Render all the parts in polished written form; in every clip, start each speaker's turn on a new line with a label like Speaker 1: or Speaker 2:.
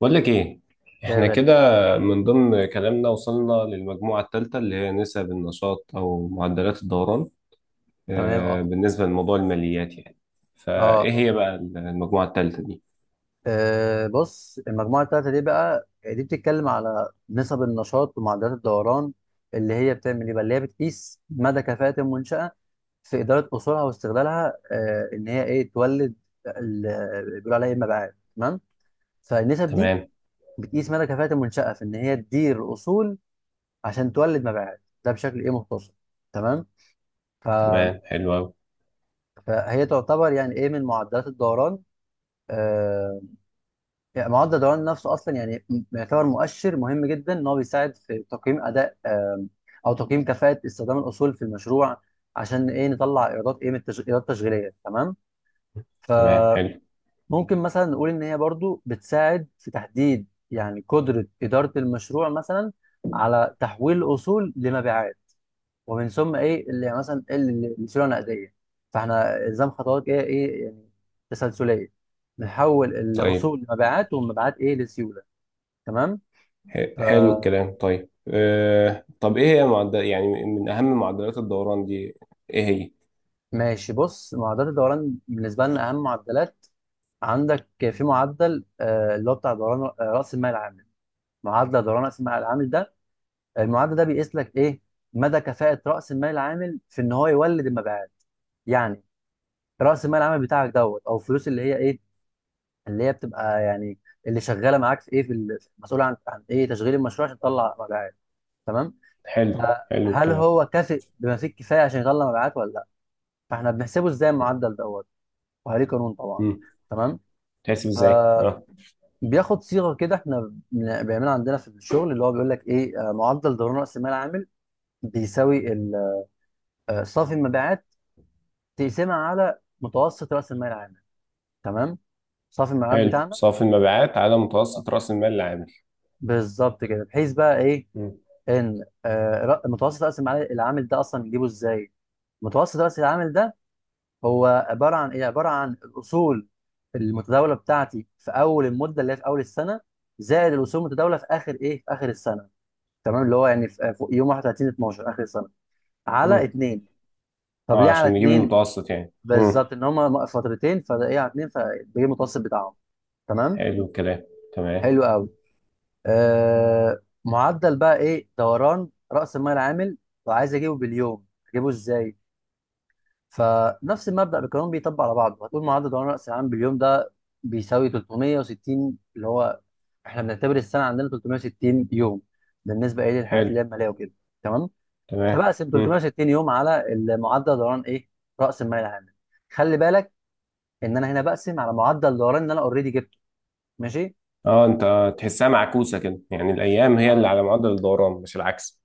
Speaker 1: بقول لك ايه،
Speaker 2: ده
Speaker 1: احنا
Speaker 2: غالي.
Speaker 1: كده. من ضمن كلامنا وصلنا للمجموعة الثالثة اللي هي نسب النشاط او معدلات الدوران.
Speaker 2: تمام.
Speaker 1: آه،
Speaker 2: اه
Speaker 1: بالنسبة لموضوع الماليات يعني
Speaker 2: اه
Speaker 1: فايه هي
Speaker 2: اه.
Speaker 1: بقى المجموعة الثالثة دي؟
Speaker 2: بص المجموعة التالتة دي بقى دي بتتكلم على نسب النشاط ومعدلات الدوران، اللي هي بتعمل ايه بقى، اللي هي بتقيس مدى كفاءة المنشأة في إدارة أصولها واستغلالها، إن هي ايه تولد ال- بيقولوا عليها ايه المبيعات. تمام. فالنسب دي
Speaker 1: تمام.
Speaker 2: بتقيس مدى كفاءة المنشأة في إن هي تدير أصول عشان تولد مبيعات، ده بشكل ايه مختصر. تمام. ف...
Speaker 1: تمام حلو قوي.
Speaker 2: فهي تعتبر يعني ايه من معدلات الدوران. آه، يعني معدل الدوران النفسي اصلا يعني يعتبر مؤشر مهم جدا ان هو بيساعد في تقييم اداء، او تقييم كفاءه استخدام الاصول في المشروع، عشان ايه نطلع ايرادات ايه من ايرادات تشغيليه. تمام.
Speaker 1: تمام حلو.
Speaker 2: فممكن مثلا نقول ان هي برضو بتساعد في تحديد يعني قدره اداره المشروع مثلا على تحويل الاصول لمبيعات، ومن ثم ايه اللي يعني مثلا إيه اللي السيوله النقديه. فاحنا الزام خطوات ايه ايه يعني تسلسليه، نحول
Speaker 1: طيب
Speaker 2: الاصول لمبيعات والمبيعات ايه لسيوله. تمام.
Speaker 1: حلو الكلام. طيب آه، طب ايه هي معدل يعني من اهم معدلات الدوران دي؟ ايه هي؟
Speaker 2: فماشي، بص معدلات الدوران بالنسبه لنا اهم معدلات، عندك في معدل اللي هو بتاع دوران راس المال العامل. معدل دوران راس المال العامل ده، المعدل ده بيقيس لك ايه مدى كفاءه راس المال العامل في ان هو يولد المبيعات. يعني راس المال العامل بتاعك دوت او الفلوس اللي هي ايه، اللي هي بتبقى يعني اللي شغاله معاك في ايه في مسؤوله عن ايه تشغيل المشروع عشان تطلع مبيعات. تمام.
Speaker 1: حلو. حلو
Speaker 2: فهل
Speaker 1: الكلام.
Speaker 2: هو كافئ بما فيه الكفايه عشان يطلع مبيعات ولا لا؟ فاحنا بنحسبه ازاي المعدل دوت؟ وعليه قانون طبعا.
Speaker 1: امم.
Speaker 2: تمام.
Speaker 1: تحسب ازاي؟
Speaker 2: فبياخد
Speaker 1: اه.
Speaker 2: صيغه كده احنا بيعملها عندنا في الشغل، اللي هو بيقول لك ايه: معدل ضرر راس المال العامل بيساوي صافي المبيعات تقسمها على متوسط راس المال العامل. تمام. صافي المبيعات
Speaker 1: حلو،
Speaker 2: بتاعنا.
Speaker 1: صافي المبيعات على
Speaker 2: آه،
Speaker 1: متوسط رأس المال العامل.
Speaker 2: بالظبط كده، بحيث بقى ايه
Speaker 1: مم.
Speaker 2: ان متوسط راس المال العامل ده اصلا نجيبه ازاي؟ متوسط راس العامل ده هو عباره عن ايه، عباره عن الاصول المتداوله بتاعتي في اول المده اللي هي في اول السنه، زائد الاصول المتداوله في اخر ايه في اخر السنه. تمام، اللي هو يعني في يوم 31 12 اخر السنه، على
Speaker 1: مم.
Speaker 2: اتنين. طب
Speaker 1: اه،
Speaker 2: ليه على
Speaker 1: عشان نجيب
Speaker 2: اتنين؟
Speaker 1: المتوسط يعني. امم.
Speaker 2: بالظبط، ان هما فترتين فده ايه على اتنين فبيجي المتوسط بتاعهم. تمام.
Speaker 1: حلو الكلام. تمام.
Speaker 2: حلو قوي. معدل بقى ايه دوران راس المال العامل، وعايز اجيبه باليوم اجيبه ازاي؟ فنفس المبدأ بكلهم بيطبق على بعضه، هتقول معدل دوران رأس العام باليوم ده بيساوي 360، اللي هو احنا بنعتبر السنة عندنا 360 يوم بالنسبة ايه للحاجات اللي
Speaker 1: حلو.
Speaker 2: هي المالية وكده. تمام.
Speaker 1: تمام.
Speaker 2: فبقسم
Speaker 1: امم.
Speaker 2: 360 يوم على المعدل دوران ايه رأس المال العام. خلي بالك ان انا هنا بقسم على معدل دوران ان انا اوريدي جبته. ماشي.
Speaker 1: اه، انت تحسها معكوسة كده، يعني الايام هي اللي
Speaker 2: اه،
Speaker 1: على معدل الدوران مش العكس.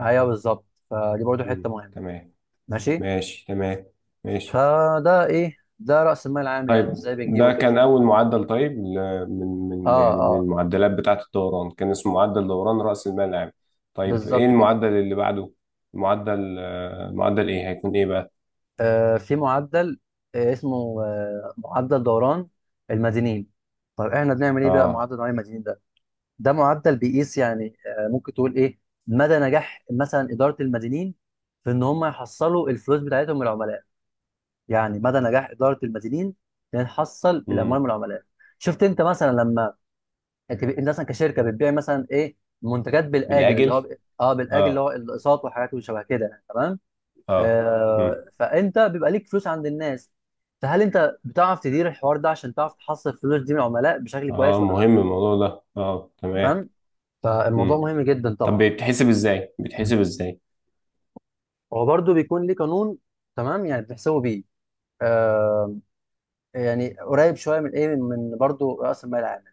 Speaker 2: ايوه، بالظبط، فدي برضو حته
Speaker 1: امم،
Speaker 2: مهمه.
Speaker 1: تمام.
Speaker 2: ماشي.
Speaker 1: ماشي تمام. ماشي.
Speaker 2: فده ايه، ده راس المال العام يعني
Speaker 1: طيب
Speaker 2: وازاي بنجيبه
Speaker 1: ده
Speaker 2: كده.
Speaker 1: كان اول معدل. طيب ل- من
Speaker 2: اه
Speaker 1: يعني من
Speaker 2: اه،
Speaker 1: المعدلات بتاعة الدوران، كان اسمه معدل دوران رأس المال العام. طيب ايه
Speaker 2: بالظبط كده.
Speaker 1: المعدل اللي بعده؟ معدل آه، معدل ايه هيكون ايه بقى؟
Speaker 2: في معدل اسمه معدل دوران المدينين. طيب احنا بنعمل ايه بقى
Speaker 1: اه.
Speaker 2: معدل دوران المدينين ده؟ ده معدل بيقيس يعني ممكن تقول ايه مدى نجاح مثلا اداره المدينين في ان هم يحصلوا الفلوس بتاعتهم من العملاء، يعني مدى نجاح اداره المدينين ان نحصل الاموال
Speaker 1: امم.
Speaker 2: من العملاء. شفت انت مثلا لما انت مثلا كشركه بتبيع مثلا ايه منتجات بالاجل اللي هو
Speaker 1: بالاجل.
Speaker 2: اه بالاجل، اللي
Speaker 1: اه.
Speaker 2: هو الاقساط وحاجات وشبه كده. تمام.
Speaker 1: اه.
Speaker 2: فانت بيبقى ليك فلوس عند الناس، فهل انت بتعرف تدير الحوار ده عشان تعرف تحصل الفلوس دي من العملاء بشكل كويس
Speaker 1: اه،
Speaker 2: ولا لا؟
Speaker 1: مهم الموضوع ده، اه تمام.
Speaker 2: تمام. فالموضوع
Speaker 1: مم.
Speaker 2: مهم جدا
Speaker 1: طب
Speaker 2: طبعا.
Speaker 1: بتحسب ازاي؟ بتحسب ازاي؟
Speaker 2: هو برضه بيكون ليه قانون. تمام، يعني بتحسبه بيه. آه يعني قريب شويه من ايه من برضه راس المال العامل،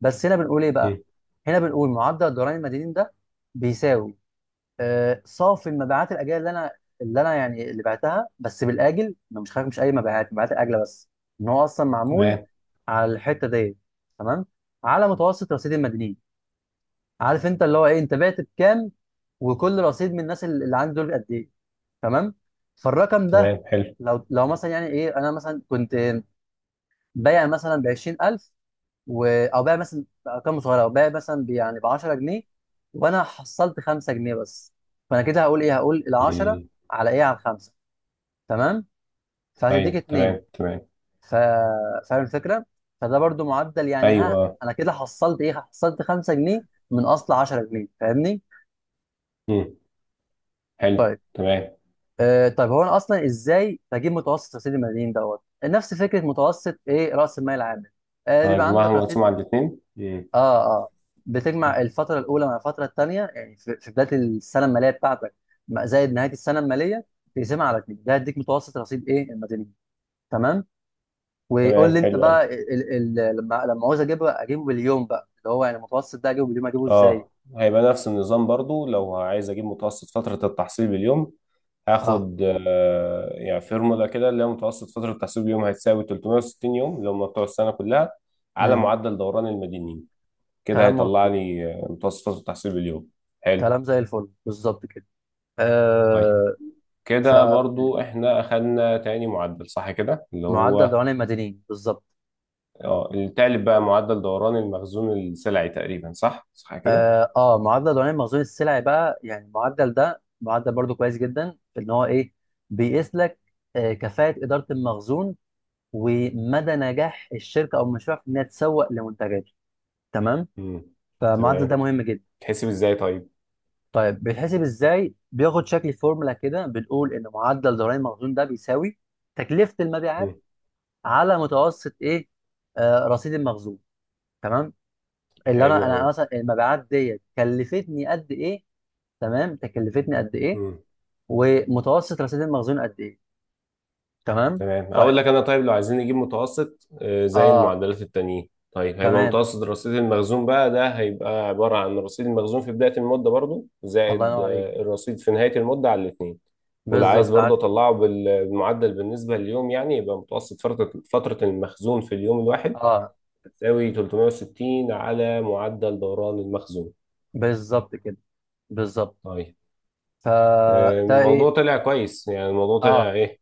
Speaker 2: بس هنا بنقول ايه
Speaker 1: مم.
Speaker 2: بقى، هنا بنقول معدل الضرائب المدنيين ده بيساوي صافي المبيعات الاجله، اللي انا يعني اللي بعتها بس بالاجل، انا مش خايف مش اي مبيعات، مبيعات الاجله بس ان هو اصلا معمول
Speaker 1: تمام.
Speaker 2: على الحته دي. تمام. على متوسط رصيد المدنيين، عارف انت اللي هو ايه انت بعت بكام وكل رصيد من الناس اللي عندي دول قد ايه. تمام. فالرقم ده،
Speaker 1: تمام حلو.
Speaker 2: لو مثلا يعني ايه انا مثلا كنت بايع مثلا ب 20000، او بقى مثلا ارقام صغيره او بقى مثلا يعني ب 10 جنيه، وانا حصلت 5 جنيه بس. فانا كده هقول ايه، هقول ال 10
Speaker 1: مم.
Speaker 2: على ايه على الخمسه. تمام. فهتديك
Speaker 1: ايوه
Speaker 2: اتنين.
Speaker 1: تمام تمام.
Speaker 2: ف... فاهم الفكره. فده برضو معدل، يعني
Speaker 1: ايوه
Speaker 2: ها
Speaker 1: آه.
Speaker 2: انا كده حصلت ايه، حصلت 5 جنيه من اصل 10 جنيه، فاهمني؟
Speaker 1: مم. حلو
Speaker 2: طيب.
Speaker 1: تمام.
Speaker 2: طيب هو انا اصلا ازاي بجيب متوسط رصيد المدين دوت؟ نفس فكره متوسط ايه راس المال العامل. بيبقى
Speaker 1: هجمعهم
Speaker 2: عندك رصيد.
Speaker 1: واقسمهم على الاثنين. مم.
Speaker 2: اه اه، بتجمع الفترة الأولى مع الفترة التانية، يعني في بداية السنة المالية بتاعتك زائد نهاية السنة المالية، تقسمها على اتنين، ده هيديك متوسط رصيد إيه المدنيين. تمام. ويقول
Speaker 1: تمام
Speaker 2: لي أنت
Speaker 1: حلو قوي.
Speaker 2: بقى ال، ال، لما عاوز أجيبه أجيبه باليوم بقى، اللي هو يعني المتوسط ده أجيبه باليوم أجيبه إزاي.
Speaker 1: اه، هيبقى نفس النظام برضو. لو عايز اجيب متوسط فترة التحصيل باليوم،
Speaker 2: اه.
Speaker 1: هاخد آه يعني فورمولا كده، اللي هي متوسط فترة التحصيل باليوم هتساوي 360 يوم اللي هم بتوع السنة كلها، على
Speaker 2: امم.
Speaker 1: معدل دوران المدنيين. كده
Speaker 2: كلام
Speaker 1: هيطلع
Speaker 2: مظبوط.
Speaker 1: لي متوسط التحصيل باليوم. حلو.
Speaker 2: كلام زي الفل بالظبط كده.
Speaker 1: طيب
Speaker 2: آه ف
Speaker 1: كده
Speaker 2: مم.
Speaker 1: برضو احنا اخدنا تاني معدل، صح كده؟ اللي
Speaker 2: معدل
Speaker 1: هو
Speaker 2: دوران المدنيين بالظبط.
Speaker 1: اه، التالت بقى معدل دوران المخزون السلعي تقريبا، صح صح كده.
Speaker 2: اه، معدل دوران مخزون السلع بقى، يعني المعدل ده معدل برضو كويس جدا في ان هو ايه بيقيس لك كفاءة إدارة المخزون، ومدى نجاح الشركة او المشروع في انها تسوق لمنتجاته. تمام.
Speaker 1: امم.
Speaker 2: فالمعدل
Speaker 1: تمام.
Speaker 2: ده مهم جدا.
Speaker 1: تحسب ازاي طيب؟
Speaker 2: طيب بيتحسب ازاي؟ بياخد شكل فورمولا كده، بنقول ان معدل دوران المخزون ده بيساوي تكلفة المبيعات
Speaker 1: امم.
Speaker 2: على متوسط ايه رصيد المخزون. تمام. اللي
Speaker 1: حلو
Speaker 2: انا انا مثلا المبيعات ديت كلفتني قد ايه. تمام. تكلفتني قد ايه،
Speaker 1: قوي.
Speaker 2: ومتوسط الاسيد المخزون قد ايه. تمام.
Speaker 1: تمام،
Speaker 2: طيب
Speaker 1: اقول لك انا. طيب لو عايزين نجيب متوسط آه، زي
Speaker 2: اه
Speaker 1: المعدلات التانيين، طيب هيبقى
Speaker 2: تمام.
Speaker 1: متوسط رصيد المخزون بقى، ده هيبقى عبارة عن رصيد المخزون في بداية المدة، برضو
Speaker 2: الله
Speaker 1: زائد
Speaker 2: ينور عليك،
Speaker 1: آه، الرصيد في نهاية المدة على الاتنين. واللي عايز
Speaker 2: بالظبط عاش
Speaker 1: برضو
Speaker 2: جدا.
Speaker 1: اطلعه بالمعدل بالنسبة لليوم، يعني يبقى متوسط فترة المخزون في اليوم الواحد
Speaker 2: اه
Speaker 1: تساوي 360 على معدل دوران المخزون.
Speaker 2: بالظبط كده، بالظبط.
Speaker 1: طيب آه،
Speaker 2: فده
Speaker 1: الموضوع
Speaker 2: ايه.
Speaker 1: طلع كويس، يعني الموضوع طلع
Speaker 2: اه.
Speaker 1: ايه،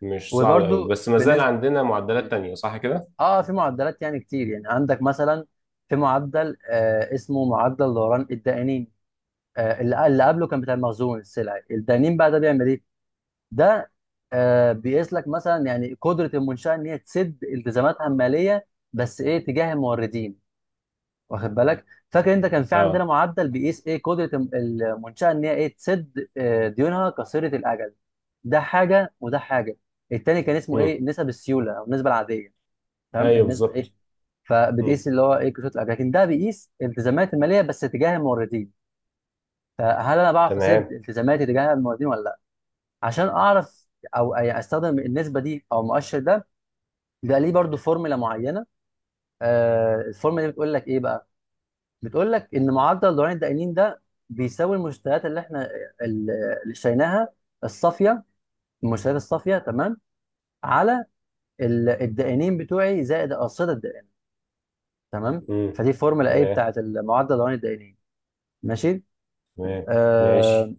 Speaker 1: مش صعب قوي،
Speaker 2: وبرده
Speaker 1: بس ما زال
Speaker 2: بالنسبه.
Speaker 1: عندنا معدلات
Speaker 2: مم.
Speaker 1: تانية صح كده؟
Speaker 2: اه في معدلات يعني كتير، يعني عندك مثلا في معدل اسمه معدل دوران الدائنين. اللي قبله كان بتاع المخزون السلعي، الدائنين بقى ده بيعمل ايه؟ ده بيقيس لك مثلا يعني قدره المنشاه ان هي تسد التزاماتها الماليه، بس ايه تجاه الموردين، واخد بالك. فاكر انت كان في عندنا
Speaker 1: اه.
Speaker 2: معدل بيقيس ايه قدره المنشاه ان هي ايه تسد ديونها قصيره الاجل. ده حاجه وده حاجه. التاني كان اسمه ايه نسب السيوله او النسبه العاديه. تمام،
Speaker 1: ايوه
Speaker 2: النسبه
Speaker 1: بالظبط.
Speaker 2: ايه.
Speaker 1: مم.
Speaker 2: فبتقيس اللي هو ايه قصيره الاجل، لكن ده بيقيس التزامات الماليه بس تجاه الموردين. فهل انا بعرف اسد
Speaker 1: تمام.
Speaker 2: التزاماتي تجاه الموردين ولا لا؟ عشان اعرف، او استخدم النسبه دي او المؤشر ده، بيبقى ليه برضو فورمولا معينه. الفورمولا دي بتقول لك ايه بقى، بتقول لك ان معدل دوران الدقيقين ده بيساوي المستويات اللي احنا ال- اللي اشتريناها الصافيه، المستويات الصافيه. تمام. على الدقيقين بتوعي زائد اقصده الدقيقين. تمام.
Speaker 1: مم.
Speaker 2: فدي فورمولا ايه
Speaker 1: تمام.
Speaker 2: بتاعت معدل دوران الدقيقين. ماشي.
Speaker 1: تمام
Speaker 2: آه.
Speaker 1: ماشي.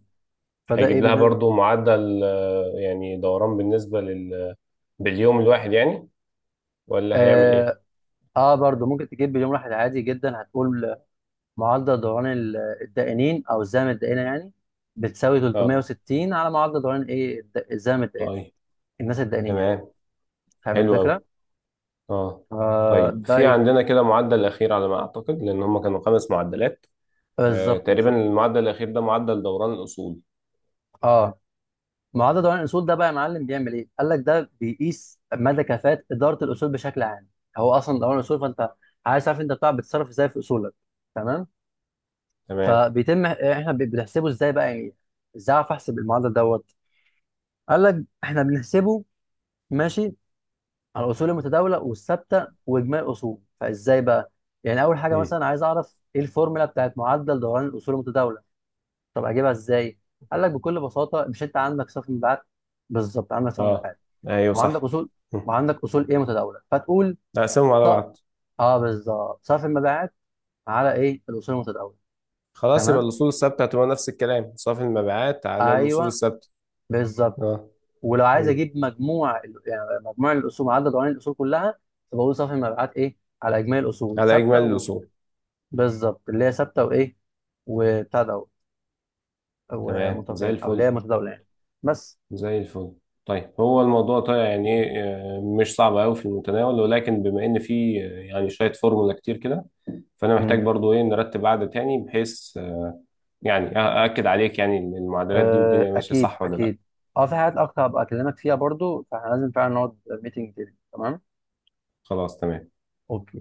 Speaker 2: فده ايه
Speaker 1: هيجيب لها
Speaker 2: بالنسبه.
Speaker 1: برضو معدل آه، يعني دوران بالنسبة لل، باليوم الواحد يعني، ولا هيعمل ايه؟
Speaker 2: اه، برضو ممكن تجيب باليوم واحد عادي جدا، هتقول معدل دوران الدقيقين او زام الدقيقه يعني بتساوي
Speaker 1: اه.
Speaker 2: 360 على معدل دوران ايه زام الدقيقه،
Speaker 1: طيب.
Speaker 2: الناس الدقيقين يعني.
Speaker 1: تمام.
Speaker 2: فاهم
Speaker 1: حلو
Speaker 2: الفكره.
Speaker 1: قوي. اه. طيب
Speaker 2: ده
Speaker 1: في
Speaker 2: ايه.
Speaker 1: عندنا كده معدل اخير على ما اعتقد، لان هم كانوا خمس معدلات. آه
Speaker 2: بالظبط
Speaker 1: تقريبا
Speaker 2: بالظبط.
Speaker 1: المعدل الاخير ده معدل دوران الاصول.
Speaker 2: اه، معدل دوران الاصول ده بقى يا معلم بيعمل ايه، قال لك ده بيقيس مدى كفاءه اداره الاصول بشكل عام. هو اصلا دوران الاصول، فانت عايز تعرف انت بتاع بتتصرف ازاي في اصولك. تمام.
Speaker 1: تمام.
Speaker 2: فبيتم احنا بنحسبه ازاي بقى يعني، ازاي اعرف احسب المعدل دوت؟ قال لك احنا بنحسبه، ماشي، على الاصول المتداوله والثابته واجمالي الاصول. فازاي بقى يعني، اول حاجه
Speaker 1: مم.
Speaker 2: مثلا عايز اعرف ايه الفورمولا بتاعت معدل دوران الاصول المتداوله، طب اجيبها ازاي؟ قال لك بكل بساطه، مش انت عندك صف مبيعات، بالظبط عندك صف
Speaker 1: اه
Speaker 2: مبيعات،
Speaker 1: ايوه
Speaker 2: وعندك
Speaker 1: صح.
Speaker 2: اصول،
Speaker 1: مم.
Speaker 2: وعندك اصول ايه متداوله، فتقول
Speaker 1: نقسمهم على بعض.
Speaker 2: اه بالظبط صف المبيعات على ايه الاصول المتداوله.
Speaker 1: خلاص يبقى
Speaker 2: تمام،
Speaker 1: الأصول الثابتة هتبقى نفس الكلام، صافي المبيعات على الأصول
Speaker 2: ايوه،
Speaker 1: الثابتة.
Speaker 2: بالظبط.
Speaker 1: اه.
Speaker 2: ولو عايز
Speaker 1: مم.
Speaker 2: اجيب مجموع يعني مجموع الاصول عدد عناصر الاصول كلها، فبقول صف المبيعات ايه على اجمالي الاصول
Speaker 1: على
Speaker 2: ثابته
Speaker 1: إجمالي الأصول.
Speaker 2: بالظبط، اللي هي ثابته وايه وبتاع ده
Speaker 1: تمام زي
Speaker 2: ومتغير، او اللي هي
Speaker 1: الفل.
Speaker 2: متداوله يعني. بس.
Speaker 1: زي الفل. طيب هو الموضوع طيب يعني إيه، آه، مش صعب أوي، في المتناول، ولكن بما إن في آه، يعني شوية فورمولا كتير كده، فأنا محتاج برضو إيه نرتب قعدة تاني، بحيث آه، يعني أ- أأكد عليك يعني إن المعادلات دي والدنيا ماشية
Speaker 2: اكيد
Speaker 1: صح ولا لأ.
Speaker 2: اكيد. اه، في حاجات اكتر هبقى اكلمك فيها برضو، فاحنا لازم فعلا نقعد ميتنج تاني. تمام.
Speaker 1: خلاص تمام.
Speaker 2: اوكي.